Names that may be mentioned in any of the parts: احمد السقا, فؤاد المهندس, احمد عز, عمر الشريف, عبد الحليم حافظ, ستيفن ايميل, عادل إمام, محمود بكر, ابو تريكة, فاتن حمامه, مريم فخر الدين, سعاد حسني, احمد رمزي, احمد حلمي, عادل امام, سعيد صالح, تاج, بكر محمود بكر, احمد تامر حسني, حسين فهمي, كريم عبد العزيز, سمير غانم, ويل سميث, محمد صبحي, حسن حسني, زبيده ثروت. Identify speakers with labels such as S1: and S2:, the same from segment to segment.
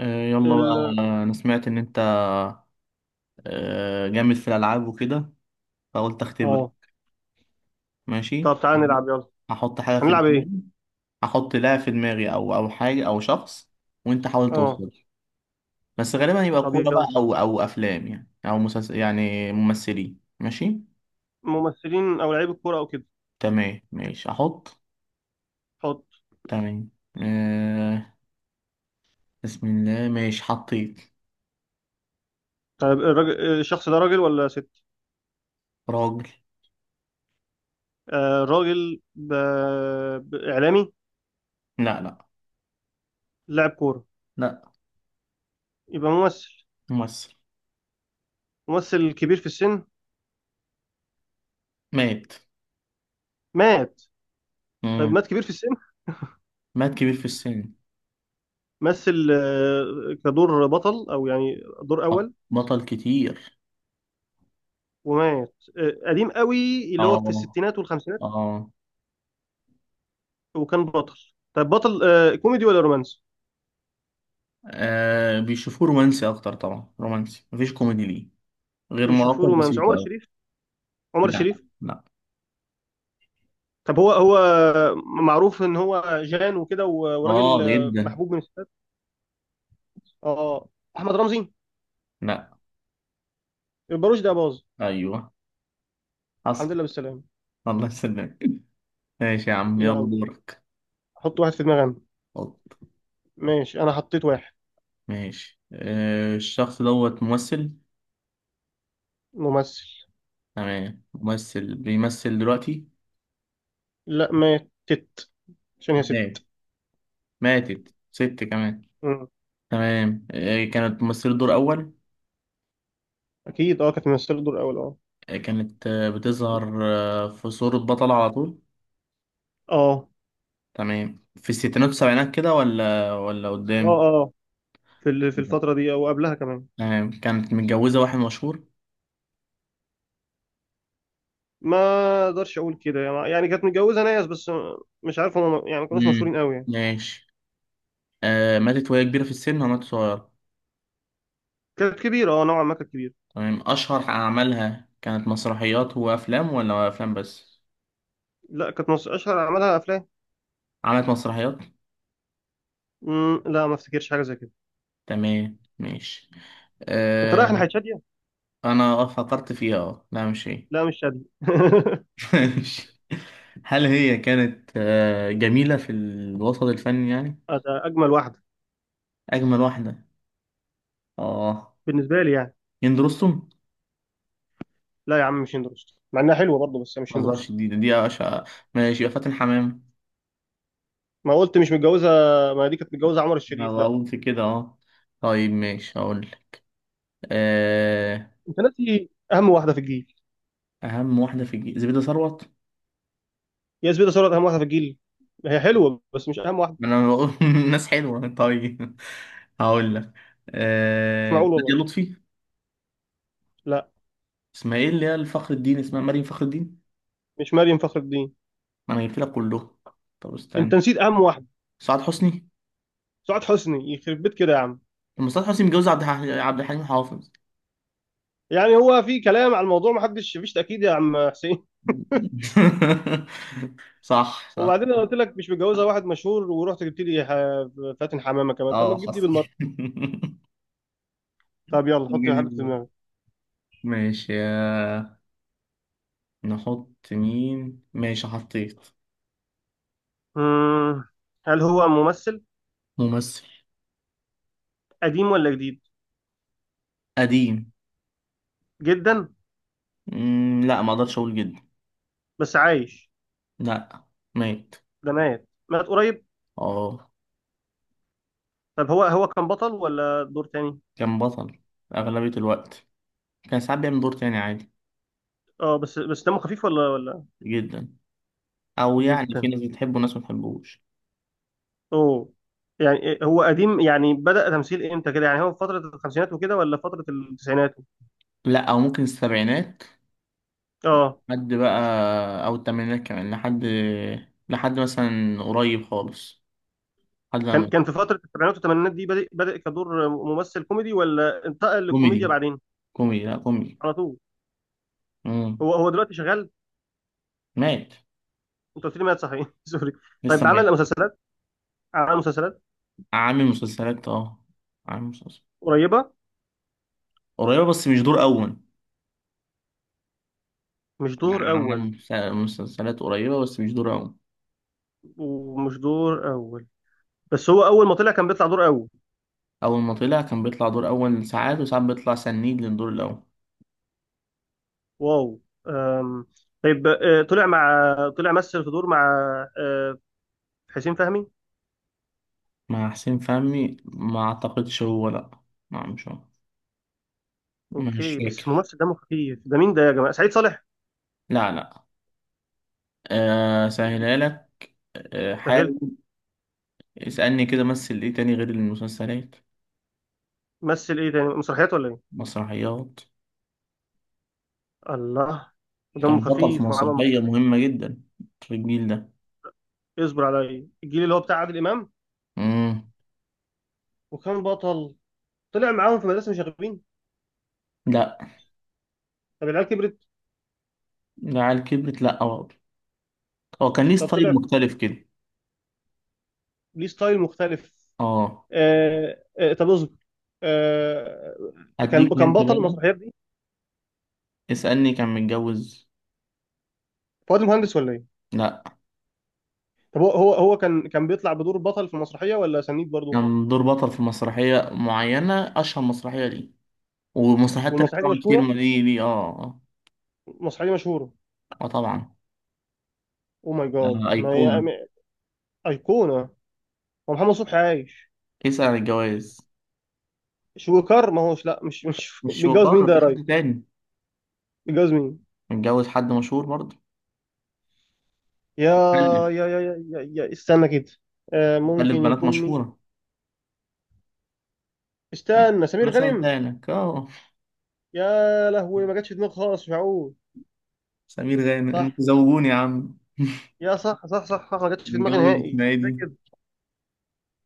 S1: آه، يلا بقى.
S2: ال
S1: انا سمعت ان انت جامد في الالعاب وكده، فقلت اختبر.
S2: اه
S1: ماشي.
S2: طب تعالى نلعب، يلا.
S1: هحط حاجه في
S2: هنلعب ايه؟
S1: دماغي. هحط لاعب في دماغي او حاجه او شخص، وانت حاول
S2: اه
S1: توصل. بس غالبا يبقى
S2: طب
S1: كوره بقى
S2: يلا،
S1: او افلام، يعني او مسلسل، يعني ممثلين. ماشي.
S2: ممثلين او لعيب الكوره او كده.
S1: تمام، ماشي، احط.
S2: حط.
S1: تمام. آه، بسم الله، ماشي، حطيت.
S2: طيب الراجل، الشخص ده راجل ولا ست؟
S1: راجل.
S2: آه راجل. اعلامي.
S1: لا، لا،
S2: لاعب كوره.
S1: لا.
S2: يبقى ممثل.
S1: ممثل.
S2: ممثل كبير في السن.
S1: مات.
S2: مات. طيب
S1: مم.
S2: مات كبير في السن.
S1: مات كبير في السن.
S2: مثل كدور بطل او يعني دور اول.
S1: بطل كتير.
S2: ومات قديم قوي، اللي هو في
S1: اه،
S2: الستينات والخمسينات.
S1: اه.
S2: وكان بطل. طيب بطل كوميدي ولا رومانسي؟
S1: بيشوفوه رومانسي اكتر، طبعا رومانسي، مفيش كوميدي ليه غير
S2: بيشوفوه
S1: مواقف
S2: رومانسي. عمر
S1: بسيطة أوي.
S2: الشريف، عمر
S1: لا،
S2: الشريف.
S1: لا.
S2: طب هو معروف ان هو جان وكده وراجل
S1: اه، جدا.
S2: محبوب من الستات. اه احمد رمزي.
S1: لا.
S2: الباروش ده باظ.
S1: ايوه،
S2: الحمد
S1: حصل.
S2: لله بالسلامه.
S1: الله يسلمك. ماشي يا عم، يلا
S2: يلا،
S1: دورك.
S2: حط واحد في دماغي أنا.
S1: اتفضل.
S2: ماشي، انا حطيت واحد.
S1: ماشي. الشخص دوت ممثل.
S2: ممثل.
S1: تمام، ممثل بيمثل دلوقتي؟
S2: لا، ماتت عشان هي
S1: مات.
S2: ست.
S1: ماتت ست كمان.
S2: مم.
S1: تمام، كانت ممثلة دور أول.
S2: اكيد، كانت ممثله دور اول، اه.
S1: كانت بتظهر في صورة بطلة على طول. تمام، في الستينات والسبعينات كده ولا
S2: اه،
S1: قدام؟
S2: اه، اه، في الفتره دي او قبلها كمان.
S1: تمام، كانت متجوزة واحد مشهور.
S2: ما اقدرش اقول كده، يعني كانت متجوزه ناس بس مش عارف هم، يعني ما كانوش
S1: امم.
S2: مشهورين قوي يعني.
S1: ماشي. ماتت وهي كبيرة في السن، وماتت صغيرة.
S2: كانت كبيره، نوعا ما كانت كبيره.
S1: تمام، أشهر أعمالها كانت مسرحيات وأفلام ولا أفلام بس؟
S2: لا، كانت اشهر اعمالها افلام.
S1: عملت مسرحيات.
S2: لا، ما افتكرش حاجه زي كده.
S1: تمام، ماشي.
S2: انت
S1: آه
S2: رايح ناحيه شاديه؟
S1: أنا فكرت فيها. لا، مش هي.
S2: لا، مش شاديه.
S1: ماشي. هل هي كانت جميلة في الوسط الفني يعني؟
S2: آه، ده اجمل واحده.
S1: أجمل واحدة. أه.
S2: بالنسبه لي يعني.
S1: هند رستم.
S2: لا يا عم، مش هند رستم. مع انها حلوه برضه بس
S1: ما
S2: مش هند
S1: تهزرش،
S2: رستم.
S1: دي أشقى. ماشي، يبقى فاتن حمام.
S2: ما قلت مش متجوزه. ما دي كانت متجوزه عمر
S1: أنا
S2: الشريف، لا.
S1: بقول في كده أه. طيب، ماشي، هقول لك. آه،
S2: انت ناسي اهم واحده في الجيل.
S1: أهم واحدة في زبيدة ثروت.
S2: يا زبيده ثروت اهم واحده في الجيل؟ هي حلوه بس مش اهم واحده.
S1: أنا بقول ناس حلوة. طيب، هقول لك.
S2: مش معقول
S1: نادية
S2: والله.
S1: لطفي.
S2: لا،
S1: اسمها إيه اللي هي الفخر الدين؟ اسمها مريم فخر الدين.
S2: مش مريم فخر الدين.
S1: ما أنا جبت لك كله. طب
S2: انت
S1: استنى.
S2: نسيت اهم واحده.
S1: سعاد حسني.
S2: سعاد حسني. يخرب بيت كده يا عم.
S1: طب ما سعاد حسني متجوز عبد الحليم حافظ.
S2: يعني هو في كلام على الموضوع، ما حدش فيش تاكيد يا عم حسين.
S1: صح، صح.
S2: وبعدين انا قلت لك مش متجوزها واحد مشهور، ورحت جبت لي فاتن حمامه كمان. طب ما
S1: اه،
S2: تجيب دي
S1: حصل.
S2: بالمره. طب يلا، حط حد في دماغك.
S1: ماشي يا. نحط مين؟ ماشي، حطيت.
S2: مم. هل هو ممثل؟
S1: ممثل.
S2: قديم ولا جديد؟
S1: قديم.
S2: جدا.
S1: لا، ما اقدرش اقول جدا.
S2: بس عايش؟
S1: لا. ميت.
S2: ده مات. مات قريب.
S1: اه.
S2: طب هو كان بطل ولا دور تاني؟
S1: كان بطل اغلبية الوقت. كان ساعات بيعمل دور تاني عادي.
S2: اه. بس دمه خفيف، ولا؟
S1: جدا. او يعني في
S2: جدا.
S1: ناس بتحبه وناس ما بتحبوش.
S2: اوه. يعني إيه، هو قديم يعني؟ بدأ تمثيل امتى كده يعني، هو في فترة الخمسينات وكده ولا فترة التسعينات؟
S1: لا، او ممكن السبعينات.
S2: اه.
S1: لحد بقى. او الثمانينات كمان لحد. لحد مثلا قريب خالص. لحد ما
S2: كان
S1: مات.
S2: كان في فترة السبعينات والثمانينات دي. بدأ كدور ممثل كوميدي، ولا انتقل للكوميديا
S1: كوميدي،
S2: بعدين؟
S1: كوميدي، لا كوميدي.
S2: على طول.
S1: مم.
S2: هو دلوقتي شغال؟
S1: مات.
S2: انت قلت لي مات، صحيح. سوري.
S1: لسه
S2: طيب
S1: ميت.
S2: عمل مسلسلات؟ عمل مسلسلات.
S1: عامل مسلسلات اه. عامل مسلسلات
S2: قريبه.
S1: قريبة بس مش دور أول.
S2: مش دور
S1: يعني عامل
S2: اول.
S1: مسلسلات قريبة بس مش دور أول.
S2: ومش دور اول. بس هو اول ما طلع كان بيطلع دور اول.
S1: أول ما طلع كان بيطلع دور أول، ساعات وساعات بيطلع سنيد للدور الأول.
S2: واو. أم. طيب طلع مثل في دور مع آه، حسين فهمي.
S1: مع حسين فهمي؟ ما أعتقدش هو، لأ. لا، مش هو. مش
S2: اوكي، بس
S1: فاكر.
S2: ممثل دمه خفيف ده مين ده يا جماعه؟ سعيد صالح.
S1: لا، لا، أه سهلها لك. أه،
S2: سهل.
S1: حاول. اسألني كده، مثل إيه تاني غير المسلسلات؟
S2: مثل ايه تاني، مسرحيات ولا ايه؟
S1: مسرحيات.
S2: الله.
S1: كان
S2: دمه
S1: بطل في
S2: خفيف وعمل
S1: مسرحية
S2: مسرحيات.
S1: مهمة جدا في الجيل ده.
S2: اصبر عليا، الجيل اللي هو بتاع عادل امام.
S1: مم.
S2: وكان بطل. طلع معاهم في مدرسه مشاغبين؟
S1: لا.
S2: طب العيال كبرت؟
S1: ده على كبرت، لا. هو كان ليه
S2: طب
S1: ستايل
S2: طلع.
S1: مختلف كده.
S2: ليه ستايل مختلف.
S1: اه.
S2: آه، آه، طب اصبر. آه كان
S1: هديك
S2: كان
S1: انت
S2: بطل
S1: بقى.
S2: المسرحيات دي.
S1: اسألني كان متجوز.
S2: فؤاد المهندس ولا ايه؟
S1: لا.
S2: طب هو كان بيطلع بدور بطل في المسرحيه ولا سنيد برضه؟
S1: كان دور بطل في مسرحية معينة، أشهر مسرحية ليه، ومسرحيات تانية
S2: والمسرحيه دي
S1: طبعا كتير
S2: مشهوره؟
S1: ما ليه اه.
S2: المسرحيه دي مشهوره؟
S1: اه، طبعا.
S2: او ماي جاد، ما هي
S1: أيقونة.
S2: ايقونه. هو محمد صبحي عايش؟
S1: اسأل عن الجواز.
S2: شويكار ما هوش، لا، مش
S1: مش
S2: بيتجوز مين
S1: شرطة
S2: ده يا
S1: في
S2: راجل؟
S1: حد تاني.
S2: بيتجوز مين؟
S1: متجوز حد مشهور برضه.
S2: يا
S1: مخلف.
S2: يا استنى كده.
S1: مخلف
S2: ممكن
S1: بنات
S2: يكون مين؟
S1: مشهورة.
S2: استنى.
S1: أنا
S2: سمير غانم.
S1: سألتها لك اه.
S2: يا لهوي، ما جاتش في دماغي خالص. مش معقول.
S1: سمير غانم،
S2: صح.
S1: انتوا زوجوني يا عم.
S2: يا، صح، صح، صح، صح، ما جاتش في دماغي
S1: متجوز
S2: نهائي
S1: اسمها ايه دي؟
S2: زي كده.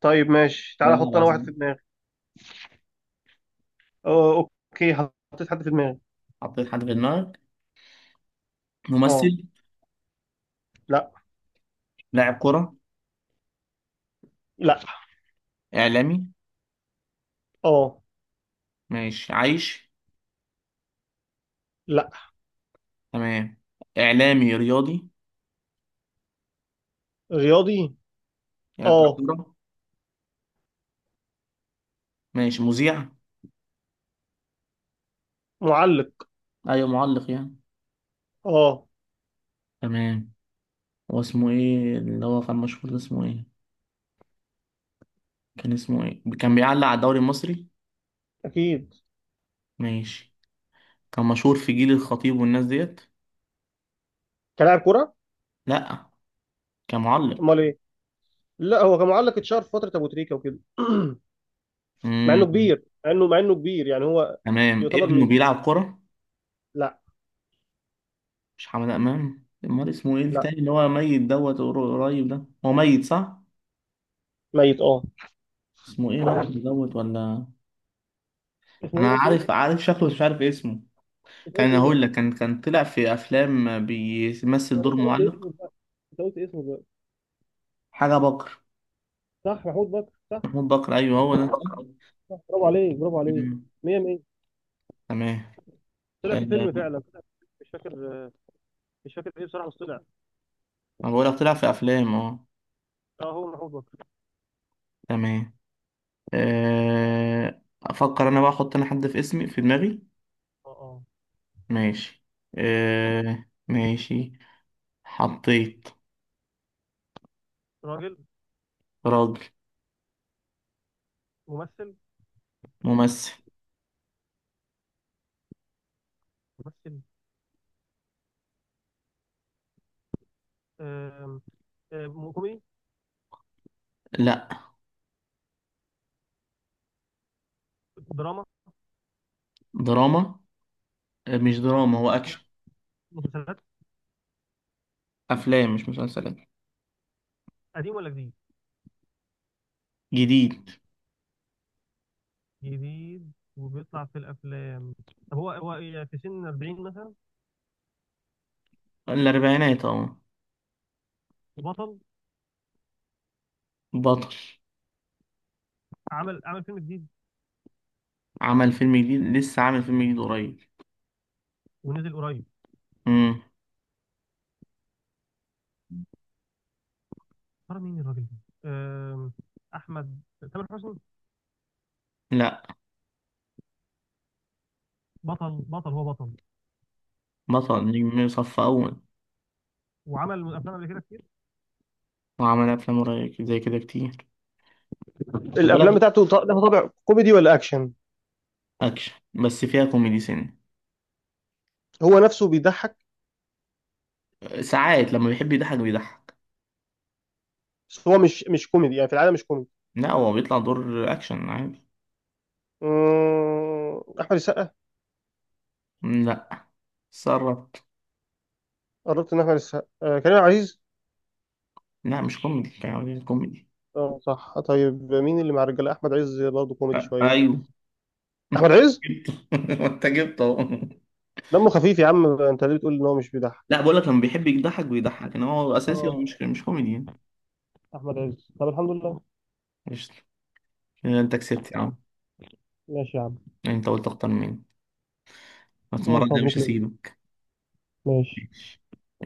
S2: طيب ماشي،
S1: لا،
S2: تعالى احط
S1: لا،
S2: انا واحد في
S1: عظيم.
S2: دماغي. أو اوكي. حطيت حد في دماغي.
S1: حطيت حد في دماغك.
S2: اه.
S1: ممثل.
S2: لا.
S1: لاعب كرة.
S2: لا.
S1: إعلامي.
S2: اه.
S1: ماشي، عايش.
S2: لا.
S1: تمام. إعلامي رياضي.
S2: رياضي.
S1: يعني بتاع
S2: اه.
S1: كورة. ماشي، مذيع.
S2: معلق.
S1: أيوة معلق يعني.
S2: اه.
S1: تمام. هو اسمه إيه اللي هو كان مشهور ده، اسمه إيه؟ كان اسمه إيه، كان بيعلق على الدوري المصري.
S2: اكيد.
S1: ماشي. كان مشهور في جيل الخطيب والناس ديت.
S2: كلاعب كرة؟
S1: لأ. كان معلق.
S2: امال ايه. لا، هو كان معلق، اتشهر في فترة ابو تريكة وكده. مع انه
S1: مم.
S2: كبير، مع انه كبير يعني، هو
S1: تمام،
S2: يعتبر
S1: ابنه
S2: من جيل.
S1: بيلعب كورة.
S2: لا.
S1: مش حمد أمام، أمال اسمه إيه
S2: لا،
S1: التاني اللي هو ميت دوت قريب ده، هو ميت صح؟
S2: ميت، اه.
S1: اسمه إيه، بطل دوت ولا؟
S2: اسمه
S1: أنا
S2: ايه؟ قلت
S1: عارف،
S2: ايه؟
S1: عارف شكله، بس مش عارف اسمه.
S2: انت قلت
S1: كان
S2: ايه
S1: هقول
S2: دلوقتي؟
S1: لك، كان طلع في افلام بيمثل
S2: يا
S1: دور
S2: باشا، قلت
S1: معلق.
S2: اسمه دلوقتي. انت قلت اسمه دلوقتي.
S1: حاجه بكر.
S2: صح، محمود بكر، صح.
S1: محمود بكر، ايوه هو ده صح.
S2: برافو عليك، برافو عليك.
S1: مم.
S2: 100 100.
S1: تمام،
S2: طلع في فيلم
S1: آه،
S2: فعلا. طلع في فيلم، مش فاكر. مش فاكر ايه بصراحه، بس طلع.
S1: ما بقول لك طلع في افلام اه.
S2: اه، هو محمود بكر.
S1: تمام. افكر انا بقى، احط انا حد في اسمي في دماغي.
S2: اه. اه.
S1: ماشي. ماشي. حطيت.
S2: راجل.
S1: راجل.
S2: ممثل.
S1: ممثل.
S2: ممثل. آم، آم، كوميدي.
S1: لا.
S2: دراما
S1: دراما. مش دراما، هو اكشن.
S2: يعني. مسلسلات.
S1: افلام مش مسلسلات.
S2: قديم ولا جديد؟
S1: جديد.
S2: جديد وبيطلع في الافلام. طب هو إيه، في سن 40 مثلا؟
S1: الاربعينات اه.
S2: بطل.
S1: بطل.
S2: عمل فيلم جديد.
S1: عمل فيلم جديد، لسه عامل فيلم جديد قريب.
S2: ونزل قريب.
S1: امم.
S2: ترى مين الراجل ده؟ آم، احمد. تامر حسني.
S1: لا.
S2: بطل. بطل، هو بطل.
S1: بطل نجم صف اول.
S2: وعمل افلام قبل كده كتير.
S1: وعمل افلام قريب زي كده كتير. خد
S2: الافلام
S1: بالك.
S2: بتاعته لها طابع كوميدي ولا اكشن؟
S1: اكشن بس فيها كوميدي سن.
S2: هو نفسه بيضحك؟
S1: ساعات لما بيحب يضحك بيضحك.
S2: بس هو مش كوميدي يعني، في العاده مش كوميدي.
S1: لا، هو بيطلع دور اكشن عادي.
S2: احمد السقا.
S1: مم، لا. سرت.
S2: قربت. ان احمد السقا كريم عبد العزيز.
S1: لا، مش كوميدي كان عاوزين كوميدي.
S2: اه، صح. طيب مين اللي مع الرجاله؟ احمد عز برضه كوميدي شويه.
S1: ايوه.
S2: احمد عز.
S1: جبته. انت جبته أهو.
S2: دمه خفيف يا عم، انت ليه بتقول ان هو مش بيضحك؟
S1: لا بقول لك لما بيحب يضحك بيضحك، ان هو اساسي، هو
S2: اه.
S1: مش كوميدي يعني.
S2: احمد عز. طب الحمد لله.
S1: قشطة. كده انت كسبت يا عم.
S2: ماشي يا عم.
S1: انت قلت اكتر مني. بس المره
S2: الف
S1: الجايه مش
S2: مبروك ليك.
S1: هسيبك. ماشي.
S2: ماشي.
S1: ماشي.